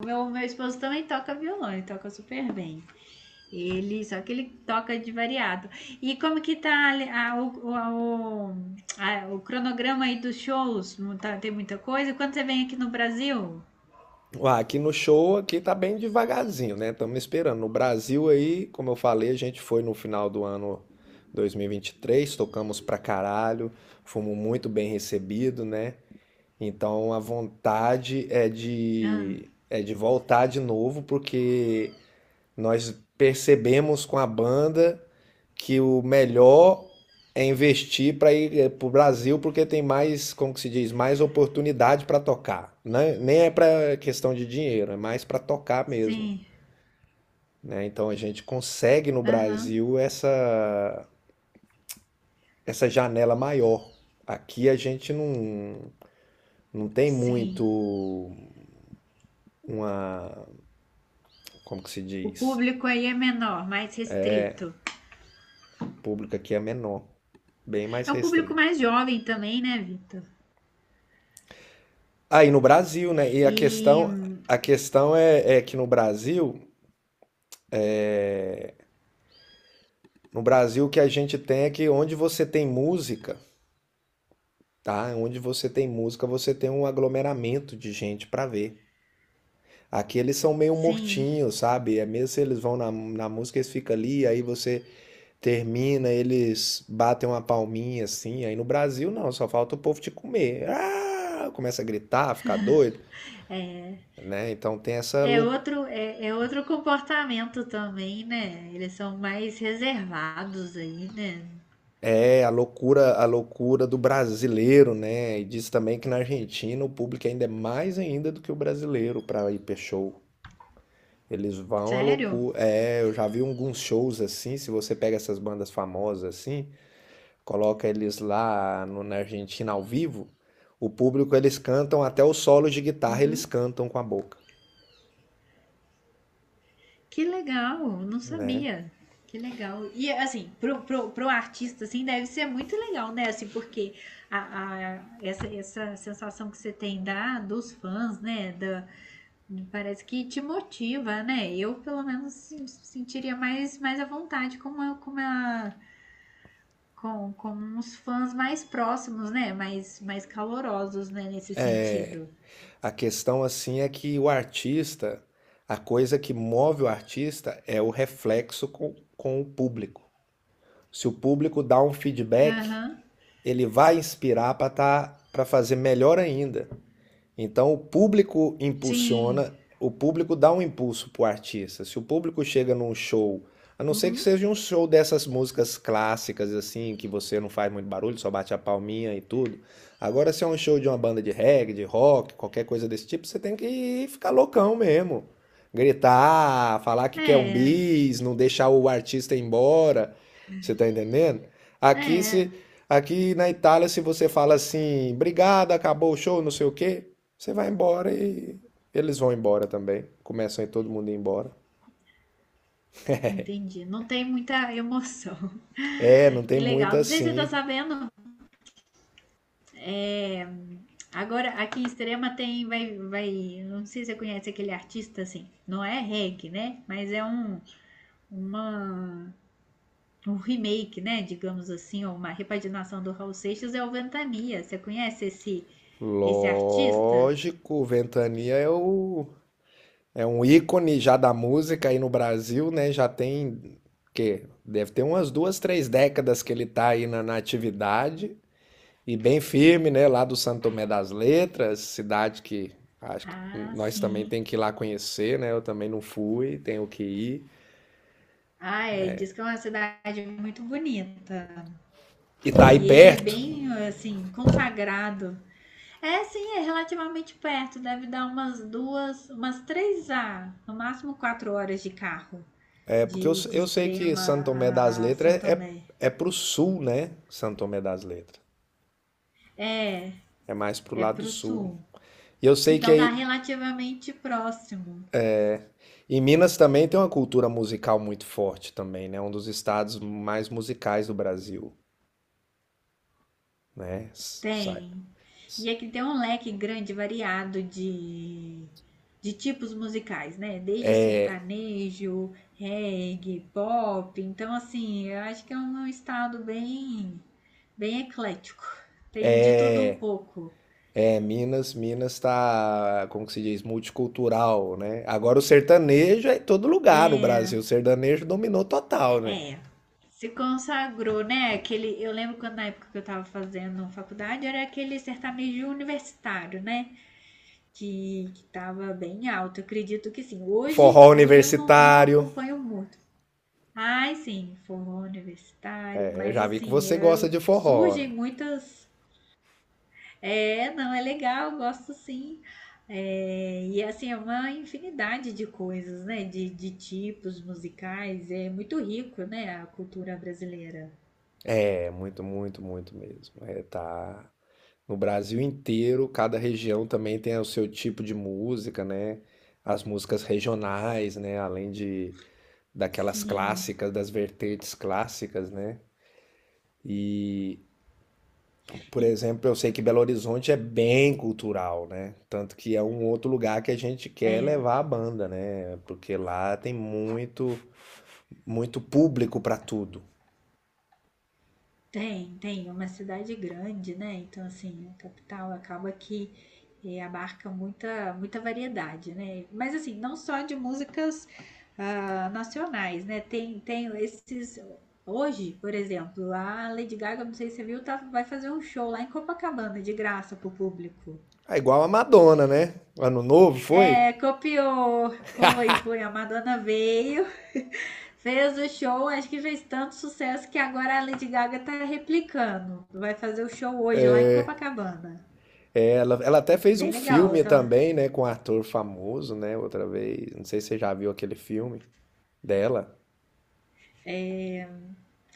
Meu esposo também toca violão, ele toca super bem. Ele, só que ele toca de variado. E como que tá o cronograma aí dos shows? Não tá- Tem muita coisa? Quando você vem aqui no Brasil? Ah, aqui no show aqui tá bem devagarzinho, né? Estamos esperando. No Brasil aí, como eu falei, a gente foi no final do ano 2023, tocamos pra caralho, fomos muito bem recebidos, né? Então a vontade é Ah, de voltar de novo, porque nós percebemos com a banda que o melhor é investir para ir para o Brasil, porque tem mais, como que se diz, mais oportunidade para tocar, né? Nem é para questão de dinheiro, é mais para tocar mesmo, sim, né? Então a gente consegue no aham, Brasil essa janela maior. Aqui a gente não tem sim. muito uma, como que se O diz, público aí é menor, mais restrito. o público aqui é menor, bem mais É um público restrita. mais jovem também, né, Vitor? Aí no Brasil, né? E a E, questão é que no Brasil, o que a gente tem é que onde você tem música, tá? Onde você tem música, você tem um aglomeramento de gente para ver. Aqui eles são meio sim, mortinhos, sabe? É mesmo se eles vão na música, eles ficam ali, aí você termina, eles batem uma palminha assim. Aí no Brasil, não, só falta o povo te comer. Ah! Começa a gritar, ficar doido, é, né? Então tem essa É loucura. outro, é outro comportamento também, né? Eles são mais reservados aí, né? É a loucura do brasileiro, né? E diz também que na Argentina o público ainda é mais ainda do que o brasileiro para ir para show. Eles vão à Sério? loucura. É, eu já vi alguns shows assim, se você pega essas bandas famosas assim, coloca eles lá na Argentina ao vivo, o público eles cantam até o solo de guitarra, eles Uhum. cantam com a boca, Que legal, não né? sabia. Que legal. E assim, pro artista, assim, deve ser muito legal, né? Assim, porque essa sensação que você tem da, dos fãs, né? Da, parece que te motiva, né? Eu, pelo menos, sentiria mais à vontade com uma, com uma com uns fãs mais próximos, né? Mais calorosos, né? Nesse sentido. A questão assim é que o artista, a coisa que move o artista é o reflexo com o público. Se o público dá um feedback, Aham. ele vai inspirar para fazer melhor ainda. Então o público Sim. impulsiona, o público dá um impulso para o artista. Se o público chega num show, a não ser que Uhum. seja um show dessas músicas clássicas assim, que você não faz muito barulho, só bate a palminha e tudo. Agora se é um show de uma banda de reggae, de rock, qualquer coisa desse tipo, você tem que ficar loucão mesmo. Gritar, falar que quer um É, bis, não deixar o artista ir embora. Você tá entendendo? Aqui é. se Aqui na Itália, se você fala assim, obrigado, acabou o show, não sei o quê, você vai embora e eles vão embora também. Começam aí todo mundo ir embora. Entendi. Não tem muita emoção. É, não tem Que legal. muita Não sei se você tá assim. sabendo. É... Agora, aqui em Extrema tem, vai, não sei se você conhece aquele artista assim, não é reggae, né? Mas é uma, um remake, né, digamos assim, ou uma repaginação do Raul Seixas é o Ventania. Você conhece esse artista? Lógico, Ventania é o é um ícone já da música aí no Brasil, né? Já tem que deve ter umas duas, três décadas que ele tá aí na atividade e bem firme, né? Lá do Santo Tomé das Letras, cidade que acho que Ah, nós também sim. tem que ir lá conhecer, né? Eu também não fui, tenho que ir. Ah, é, diz que é uma cidade muito bonita. E tá aí E ele é perto, bem, assim, consagrado. É, sim, é relativamente perto. Deve dar umas duas, umas três a, no máximo quatro horas de carro. porque eu, De eu sei que Santo Extrema Tomé das a Letras São é, é, Tomé. é pro sul, né? Santo Tomé das Letras. É, É mais pro é lado pro sul. sul. E eu sei que Então dá aí, relativamente próximo. em Minas também tem uma cultura musical muito forte também, né? Um dos estados mais musicais do Brasil, né? Sai. Tem. E aqui tem um leque grande, variado de tipos musicais, né? Desde sertanejo, reggae, pop. Então, assim, eu acho que é um estado bem eclético. Tem de tudo um pouco. É, Minas, Minas tá, como que se diz, multicultural, né? Agora o sertanejo é em todo lugar no É, Brasil. O sertanejo dominou total, né? é. Se consagrou, né? Aquele, eu lembro quando na época que eu tava fazendo faculdade era aquele sertanejo universitário, né? Que estava bem alto. Eu acredito que sim. Forró Hoje eu não universitário. acompanho muito. Ai, sim, forró universitário, É, mas já vi que assim, você gosta eu, de forró, surgem né? muitas. É, não, é legal, gosto sim. É, e assim, é uma infinidade de coisas, né? De tipos musicais. É muito rico, né? A cultura brasileira. É, muito, muito, muito mesmo. É, tá no Brasil inteiro, cada região também tem o seu tipo de música, né? As músicas regionais, né? Além de daquelas Sim. clássicas, das vertentes clássicas, né? E, por E- exemplo, eu sei que Belo Horizonte é bem cultural, né? Tanto que é um outro lugar que a gente quer é, levar a banda, né? Porque lá tem muito, muito público para tudo. Tem. É uma cidade grande, né, então, assim, a capital acaba que, eh, abarca muita muita variedade, né. Mas, assim, não só de músicas, hã, nacionais, né, tem esses hoje, por exemplo, a Lady Gaga, não sei se você viu, tá vai fazer um show lá em Copacabana de graça para o público. É igual a Madonna, né? Ano novo foi? É, copiou. Foi. A Madonna veio, fez o show. Acho que fez tanto sucesso que agora a Lady Gaga tá replicando. Vai fazer o show hoje lá em Copacabana. Ela até fez um Bem legal. filme Então, também, né, com um ator famoso, né, outra vez. Não sei se você já viu aquele filme dela. é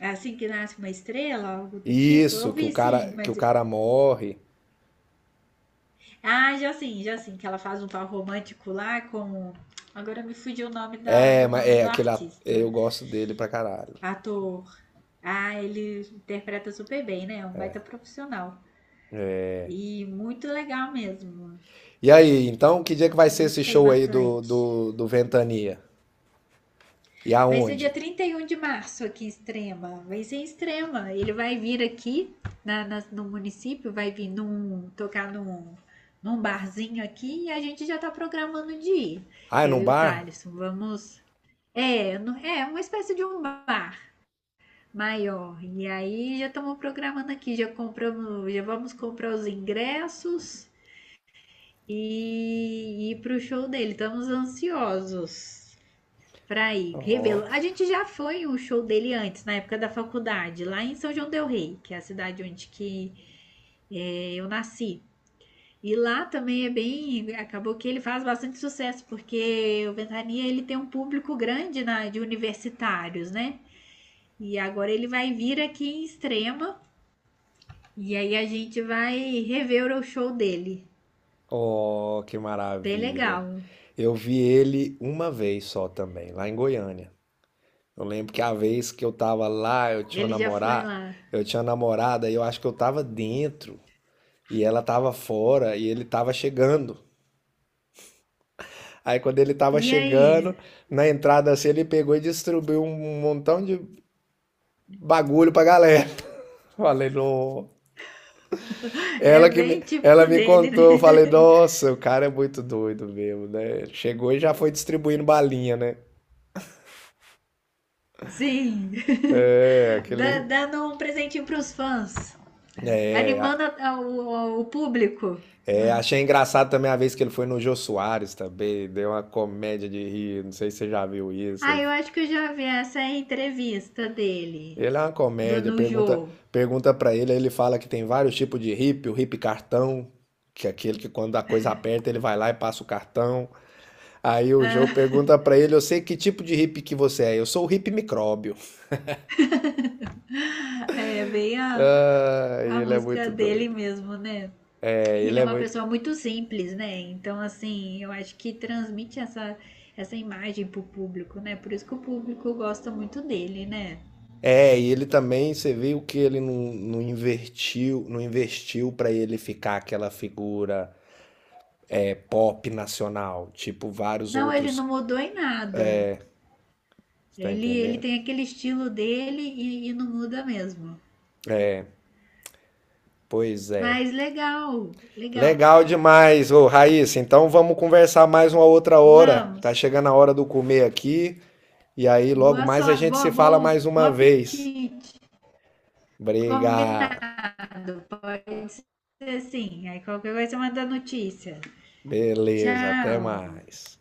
é assim que nasce uma estrela, algo do tipo. Eu Isso, que o vi sim, cara, que o mas. cara morre. Já sim. Que ela faz um par romântico lá com. Agora me fugiu o nome da, É, do mas nome é do aquele artista. eu gosto dele pra caralho. Ator. Ah, ele interpreta super bem, né? É um baita profissional. E muito legal mesmo. E aí, então, que dia que vai Eu ser esse gostei show aí do bastante. do, do Ventania? E Vai ser dia aonde? 31 de março aqui em Extrema. Vai ser em Extrema. Ele vai vir aqui no município, vai vir num, tocar num, num barzinho aqui e a gente já tá programando de ir. Ah, é Eu num e o bar? Thaleson, vamos. É, é uma espécie de um bar maior. E aí já estamos programando aqui, já compramos, já vamos comprar os ingressos e ir pro show dele. Estamos ansiosos para ir Ó, revê-lo. A gente já foi um show dele antes, na época da faculdade, lá em São João del Rei, que é a cidade onde que é, eu nasci. E lá também é bem, acabou que ele faz bastante sucesso, porque o Ventania ele tem um público grande na, de universitários, né? E agora ele vai vir aqui em Extrema e aí a gente vai rever o show dele. ó, que Bem maravilha. legal. Eu vi ele uma vez só também, lá em Goiânia. Eu lembro que a vez que eu tava lá, eu tinha uma Ele já foi namorada, lá. eu tinha uma namorada e eu acho que eu tava dentro e ela tava fora e ele tava chegando. Aí quando ele tava E aí, chegando, na entrada assim, ele pegou e distribuiu um montão de bagulho pra galera. Falei, não. é Ela que me, bem ela típico me dele, contou, eu falei, né? nossa, o cara é muito doido mesmo, né? Chegou e já foi distribuindo balinha, né? Sim. É, Dá- aquele. dando um presentinho pros fãs. É. Animando o público. É, achei engraçado também a vez que ele foi no Jô Soares também, deu uma comédia de rir, não sei se você já viu isso. Ah, Ele, eu acho que eu já vi essa entrevista dele. ele é uma Do comédia, pergunta Nujo. pergunta para ele, aí ele fala que tem vários tipos de hippie, o hippie cartão, que é aquele que quando a coisa aperta ele vai lá e passa o cartão. Aí o Jô pergunta pra ele, eu sei que tipo de hippie que você é, eu sou o hippie micróbio. Ah, é bem Ah, a ele é música muito dele doido. mesmo, né? É, E ele ele é é uma muito pessoa muito simples, né? Então, assim, eu acho que transmite essa, essa imagem pro público, né? Por isso que o público gosta muito dele, né? É, e ele também, você viu que ele não invertiu, não investiu para ele ficar aquela figura é, pop nacional, tipo vários Não, ele outros, não mudou em nada. tá Ele entendendo? tem aquele estilo dele e não muda mesmo. Pois é. Mas legal, legal. Legal demais, ô Raíssa. Então vamos conversar mais uma outra hora. Tá Vamos. chegando a hora do comer aqui, e aí logo Boa mais a sorte, gente se fala boa, mais bom uma vez. apetite. Briga. Combinado. Pode ser sim. Aí qualquer coisa manda notícia. Beleza, até Tchau. mais.